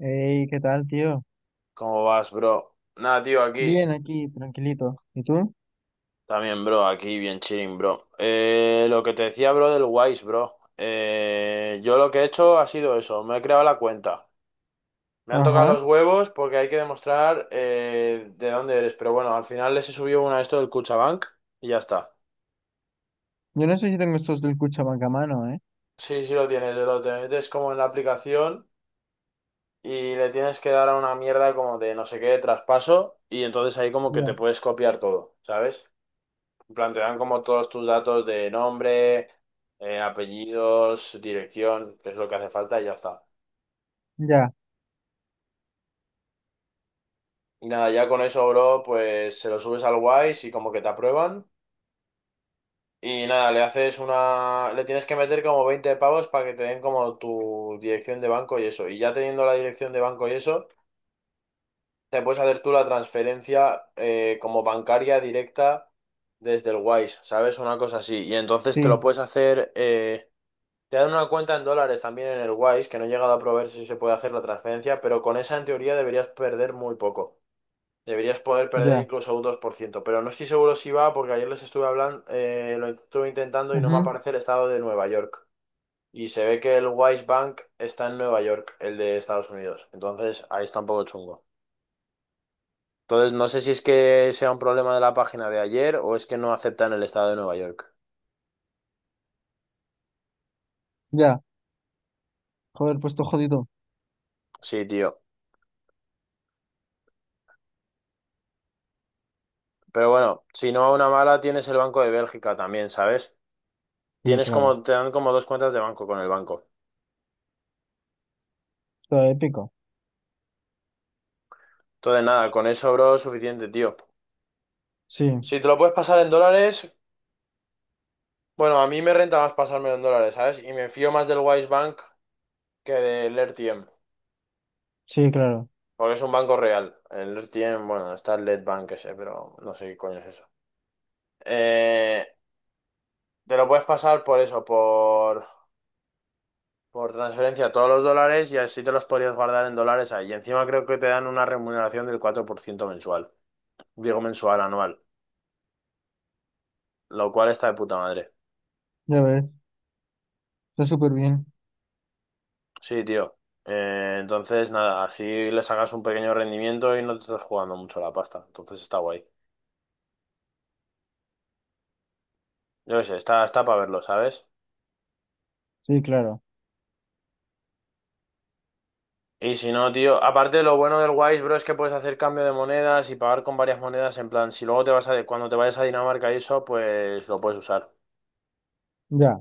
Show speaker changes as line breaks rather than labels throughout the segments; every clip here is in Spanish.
Hey, ¿qué tal, tío?
¿Cómo vas, bro? Nada, tío, aquí.
Bien, aquí, tranquilito. ¿Y tú?
También, bro, aquí bien chilling, bro. Lo que te decía, bro, del Wise, bro. Yo lo que he hecho ha sido eso, me he creado la cuenta. Me han tocado
Ajá.
los huevos porque hay que demostrar de dónde eres. Pero bueno, al final les he subido una de esto del Cuchabank y ya está.
Yo no sé si tengo estos del Cuchamagamano, ¿eh?
Sí, sí lo tienes, lo te metes como en la aplicación y le tienes que dar a una mierda como de no sé qué, traspaso, y entonces ahí como que te
Ya,
puedes copiar todo, ¿sabes? En plan, te dan como todos tus datos de nombre, apellidos, dirección, que es lo que hace falta y ya está.
ya,
Y nada, ya con eso, bro, pues se lo subes al Wise y como que te aprueban. Y nada, le haces una... Le tienes que meter como 20 pavos para que te den como tu dirección de banco y eso. Y ya teniendo la dirección de banco y eso, te puedes hacer tú la transferencia como bancaria directa desde el Wise, ¿sabes? Una cosa así. Y entonces te
sí,
lo puedes hacer... Te dan una cuenta en dólares también en el Wise, que no he llegado a probar si se puede hacer la transferencia, pero con esa en teoría deberías perder muy poco. Deberías poder perder
ya,
incluso un 2%, pero no estoy seguro si va porque ayer les estuve hablando, lo estuve intentando y no me
ujú,
aparece el estado de Nueva York. Y se ve que el Wise Bank está en Nueva York, el de Estados Unidos. Entonces ahí está un poco chungo. Entonces no sé si es que sea un problema de la página de ayer o es que no aceptan el estado de Nueva York.
ya. Joder, pues todo jodido.
Sí, tío. Pero bueno, si no a una mala tienes el Banco de Bélgica también, ¿sabes?
Sí,
Tienes
claro.
como, te dan como dos cuentas de banco con el banco.
Todo épico.
Entonces, nada, con eso, bro, suficiente, tío.
Sí,
Si te lo puedes pasar en dólares, bueno, a mí me renta más pasármelo en dólares, ¿sabes? Y me fío más del Wise Bank que del RTM,
sí, claro.
porque es un banco real. El RTM, bueno, está el Letbank ese, pero no sé qué coño es eso. Eh, Te lo puedes pasar por eso, por transferencia a todos los dólares y así te los podrías guardar en dólares ahí. Y encima creo que te dan una remuneración del 4% mensual, digo mensual, anual, lo cual está de puta madre.
Ya ves, está súper bien.
Sí, tío. Entonces, nada, así le sacas un pequeño rendimiento y no te estás jugando mucho la pasta. Entonces está guay. Yo qué sé, está para verlo, ¿sabes?
Sí, claro,
Y si no, tío, aparte lo bueno del Wise, bro, es que puedes hacer cambio de monedas y pagar con varias monedas. En plan, si luego te vas a, cuando te vayas a Dinamarca y eso, pues lo puedes usar.
ya.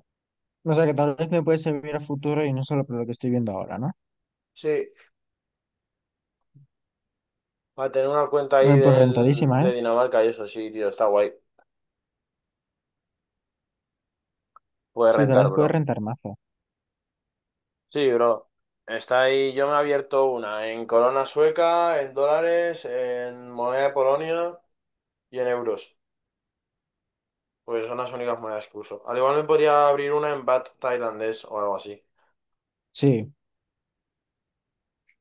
O sea que tal vez me puede servir a futuro y no solo por lo que estoy viendo ahora, ¿no?
Sí, para tener una cuenta ahí
Bueno, pues
del,
rentadísima, ¿eh?
de Dinamarca y eso, sí, tío, está guay. Puedes
Sí, tal
rentar,
vez puede
bro.
rentar mazo.
Sí, bro. Está ahí, yo me he abierto una en corona sueca, en dólares, en moneda de Polonia y en euros. Pues son las únicas monedas que uso. Al igual me podría abrir una en baht tailandés o algo así.
Sí.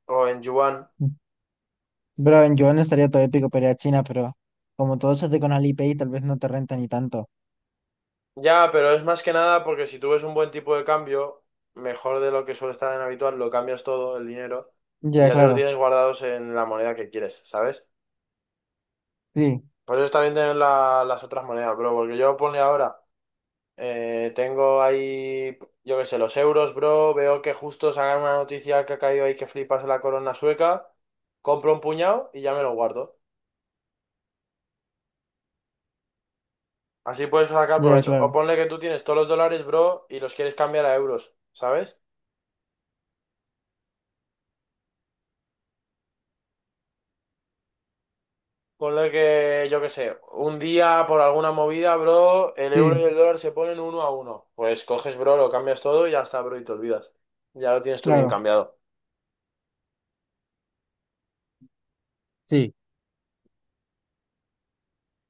O en yuan.
Bro, en Joan estaría todo épico para ir a China, pero como todo se hace con Alipay, tal vez no te renta ni tanto.
Ya, pero es más que nada porque si tú ves un buen tipo de cambio, mejor de lo que suele estar en habitual, lo cambias todo, el dinero, y
Ya,
ya te lo
claro.
tienes guardados en la moneda que quieres, ¿sabes?
Sí,
Por eso está bien tener las otras monedas, bro. Porque yo ponle ahora, tengo ahí, yo qué sé, los euros, bro. Veo que justo sacan una noticia que ha caído ahí que flipas en la corona sueca. Compro un puñado y ya me lo guardo. Así puedes sacar
ya,
provecho. O
claro.
ponle que tú tienes todos los dólares, bro, y los quieres cambiar a euros, ¿sabes? Ponle que, yo qué sé, un día por alguna movida, bro, el euro y
Sí,
el dólar se ponen uno a uno. Pues coges, bro, lo cambias todo y ya está, bro, y te olvidas. Ya lo tienes tú bien
claro.
cambiado.
Sí,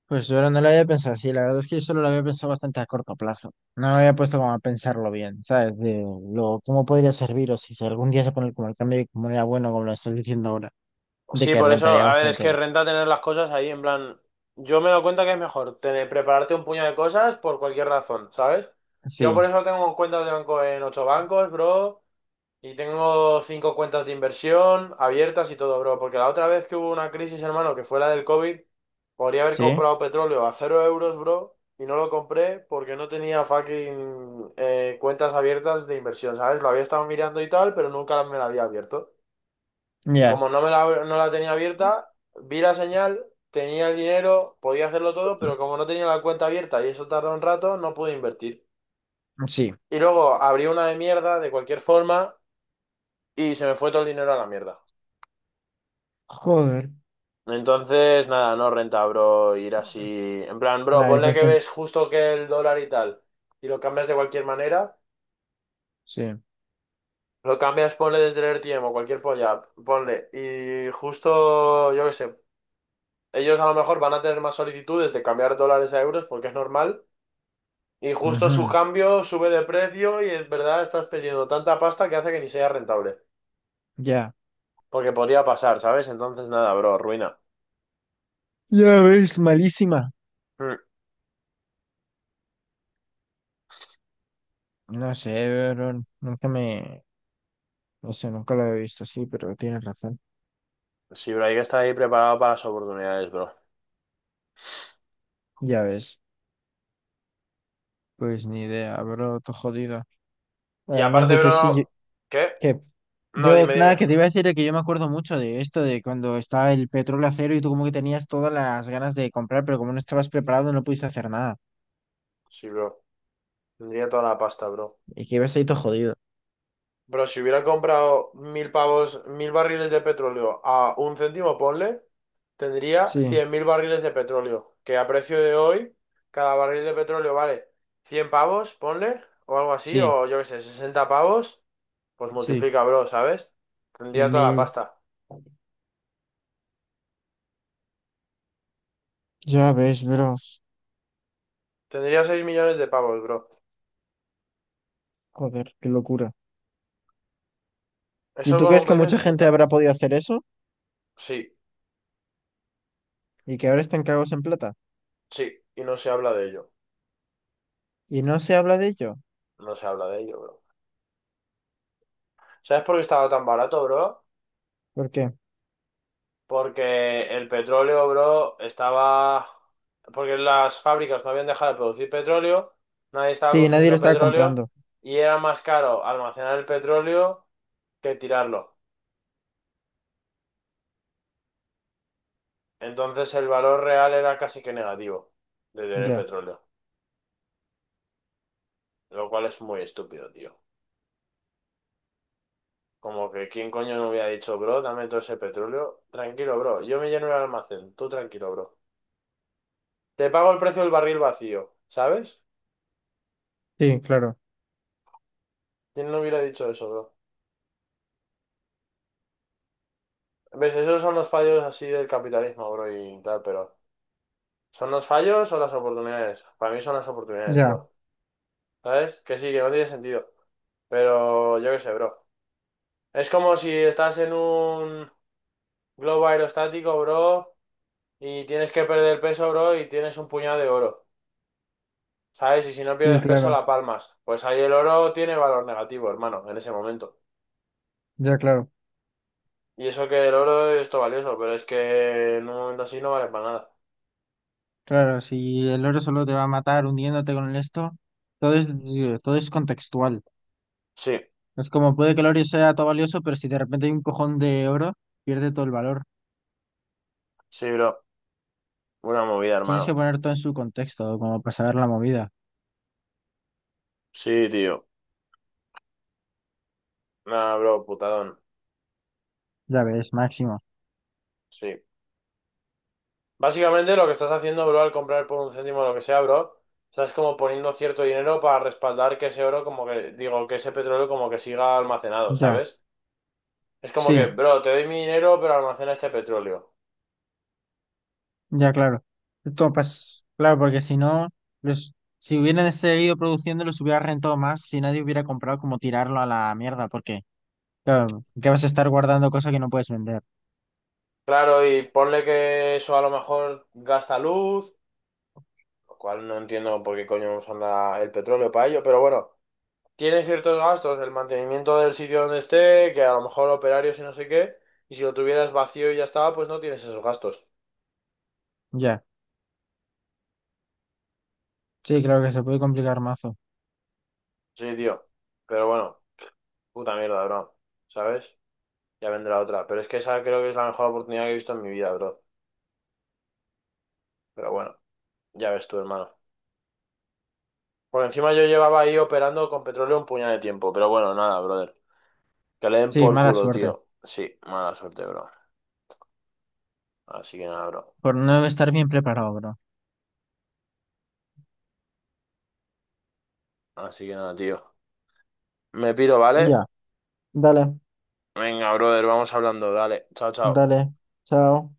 pues yo no lo había pensado así. La verdad es que yo solo lo había pensado bastante a corto plazo. No me había puesto como a pensarlo bien, ¿sabes? De cómo podría servir o si algún día se pone como el cambio y como era bueno, como lo estás diciendo ahora, de
Sí,
que
por eso,
rentaría
a ver, es
bastante.
que renta tener las cosas ahí, en plan, yo me doy cuenta que es mejor tener, prepararte un puño de cosas por cualquier razón, ¿sabes?
Sí,
Yo por eso tengo cuentas de banco en 8 bancos, bro. Y tengo 5 cuentas de inversión abiertas y todo, bro. Porque la otra vez que hubo una crisis, hermano, que fue la del COVID, podría haber
sí,
comprado petróleo a cero euros, bro. Y no lo compré porque no tenía fucking cuentas abiertas de inversión, ¿sabes? Lo había estado mirando y tal, pero nunca me la había abierto. Y
ya,
como no la tenía abierta, vi la señal, tenía el dinero, podía hacerlo todo, pero como no tenía la cuenta abierta y eso tardó un rato, no pude invertir.
sí.
Y luego abrí una de mierda, de cualquier forma, y se me fue todo el dinero a la mierda.
Joder.
Entonces, nada, no renta, bro, ir así. En plan,
La
bro,
vez no
ponle que
está en-
ves justo que el dólar y tal, y lo cambias de cualquier manera.
Sí.
Lo cambias, ponle desde el RTM o cualquier polla, ponle. Y justo, yo qué sé, ellos a lo mejor van a tener más solicitudes de cambiar dólares a euros porque es normal. Y justo su
Ujú,
cambio sube de precio y en verdad estás perdiendo tanta pasta que hace que ni sea rentable.
ya.
Porque podría pasar, ¿sabes? Entonces, nada, bro, ruina.
Ya ves, malísima.
Mm.
No sé, pero nunca me... No sé, nunca lo he visto así, pero tienes razón.
Sí, bro, hay que estar ahí preparado para las oportunidades, bro.
Ya ves, pues ni idea, bro, todo jodido.
Y
Además
aparte,
de que sí, yo-
bro, ¿qué?
que
No,
yo
dime,
nada,
dime.
que te iba a decir de que yo me acuerdo mucho de esto, de cuando estaba el petróleo a cero y tú como que tenías todas las ganas de comprar, pero como no estabas preparado no pudiste hacer nada.
Sí, bro. Tendría toda la pasta, bro.
Y que ibas ahí todo jodido.
Bro, si hubiera comprado 1.000 pavos, 1.000 barriles de petróleo a un céntimo, ponle, tendría
Sí,
100.000 barriles de petróleo. Que a precio de hoy, cada barril de petróleo vale 100 pavos, ponle, o algo así,
sí,
o yo qué sé, 60 pavos. Pues
sí,
multiplica, bro, ¿sabes?
cien
Tendría toda la
mil.
pasta.
Ya ves, bro.
Tendría 6 millones de pavos, bro.
Joder, qué locura. ¿Y
Eso
tú
con
crees
un
que
precio de
mucha gente
sesenta.
habrá podido hacer eso?
Sí,
Y que ahora están cagados en plata.
sí. Y no se habla de ello.
Y no se habla de ello.
No se habla de ello, bro. ¿Sabes por qué estaba tan barato, bro?
¿Por qué?
Porque el petróleo, bro, estaba... Porque las fábricas no habían dejado de producir petróleo, nadie estaba
Sí, nadie lo
consumiendo
estaba
petróleo
comprando.
y era más caro almacenar el petróleo que tirarlo. Entonces el valor real era casi que negativo de tener
Ya,
petróleo, lo cual es muy estúpido, tío. Como que quién coño no hubiera dicho, bro, dame todo ese petróleo. Tranquilo, bro, yo me lleno el almacén, tú tranquilo, bro. Te pago el precio del barril vacío, ¿sabes?
sí, claro,
¿Quién no hubiera dicho eso, bro? ¿Ves? Esos son los fallos así del capitalismo, bro, y tal, pero ¿son los fallos o las oportunidades? Para mí son las oportunidades,
ya,
bro. ¿Sabes? Que sí, que no tiene sentido. Pero yo qué sé, bro. Es como si estás en un globo aerostático, bro, y tienes que perder peso, bro, y tienes un puñado de oro. ¿Sabes? Y si no
sí,
pierdes peso,
claro,
la palmas. Pues ahí el oro tiene valor negativo, hermano, en ese momento.
ya, claro,
Y eso que el oro es todo valioso, pero es que en un momento así no vale para nada.
claro, si el oro solo te va a matar hundiéndote con el esto, todo es, digo, todo es contextual.
Sí,
Es como puede que el oro sea todo valioso, pero si de repente hay un cojón de oro, pierde todo el valor.
sí, bro. Una movida,
Tienes que
hermano.
poner todo en su contexto, como para saber la movida.
Sí, tío. Nah, bro, putadón.
Ya ves, máximo.
Sí. Básicamente lo que estás haciendo, bro, al comprar por un céntimo lo que sea, bro, estás como poniendo cierto dinero para respaldar que ese oro, como que, digo, que ese petróleo como que siga almacenado,
Ya,
¿sabes? Es como que,
sí,
bro, te doy mi dinero, pero almacena este petróleo.
ya, claro. Esto pas- claro, porque si no, los, si hubieran seguido produciendo, los hubiera rentado más, si nadie hubiera comprado como tirarlo a la mierda, porque claro, que vas a estar guardando cosas que no puedes vender.
Claro, y ponle que eso a lo mejor gasta luz, lo cual no entiendo por qué coño nos anda el petróleo para ello, pero bueno, tiene ciertos gastos, el mantenimiento del sitio donde esté, que a lo mejor operarios y no sé qué, y si lo tuvieras vacío y ya estaba, pues no tienes esos gastos.
Ya. Sí, claro que se puede complicar mazo.
Sí, tío. Pero bueno, puta mierda, bro. ¿Sabes? Ya vendrá otra. Pero es que esa creo que es la mejor oportunidad que he visto en mi vida, bro. Pero bueno, ya ves tú, hermano. Por encima yo llevaba ahí operando con petróleo un puñal de tiempo, pero bueno, nada, brother. Que le den
Sí,
por
mala
culo,
suerte.
tío. Sí, mala suerte, bro. Así que nada, bro.
Por no estar bien preparado, bro.
Así que nada, tío. Me piro, ¿vale?
Ya, dale,
Venga, brother, vamos hablando. Dale. Chao, chao.
dale, chao.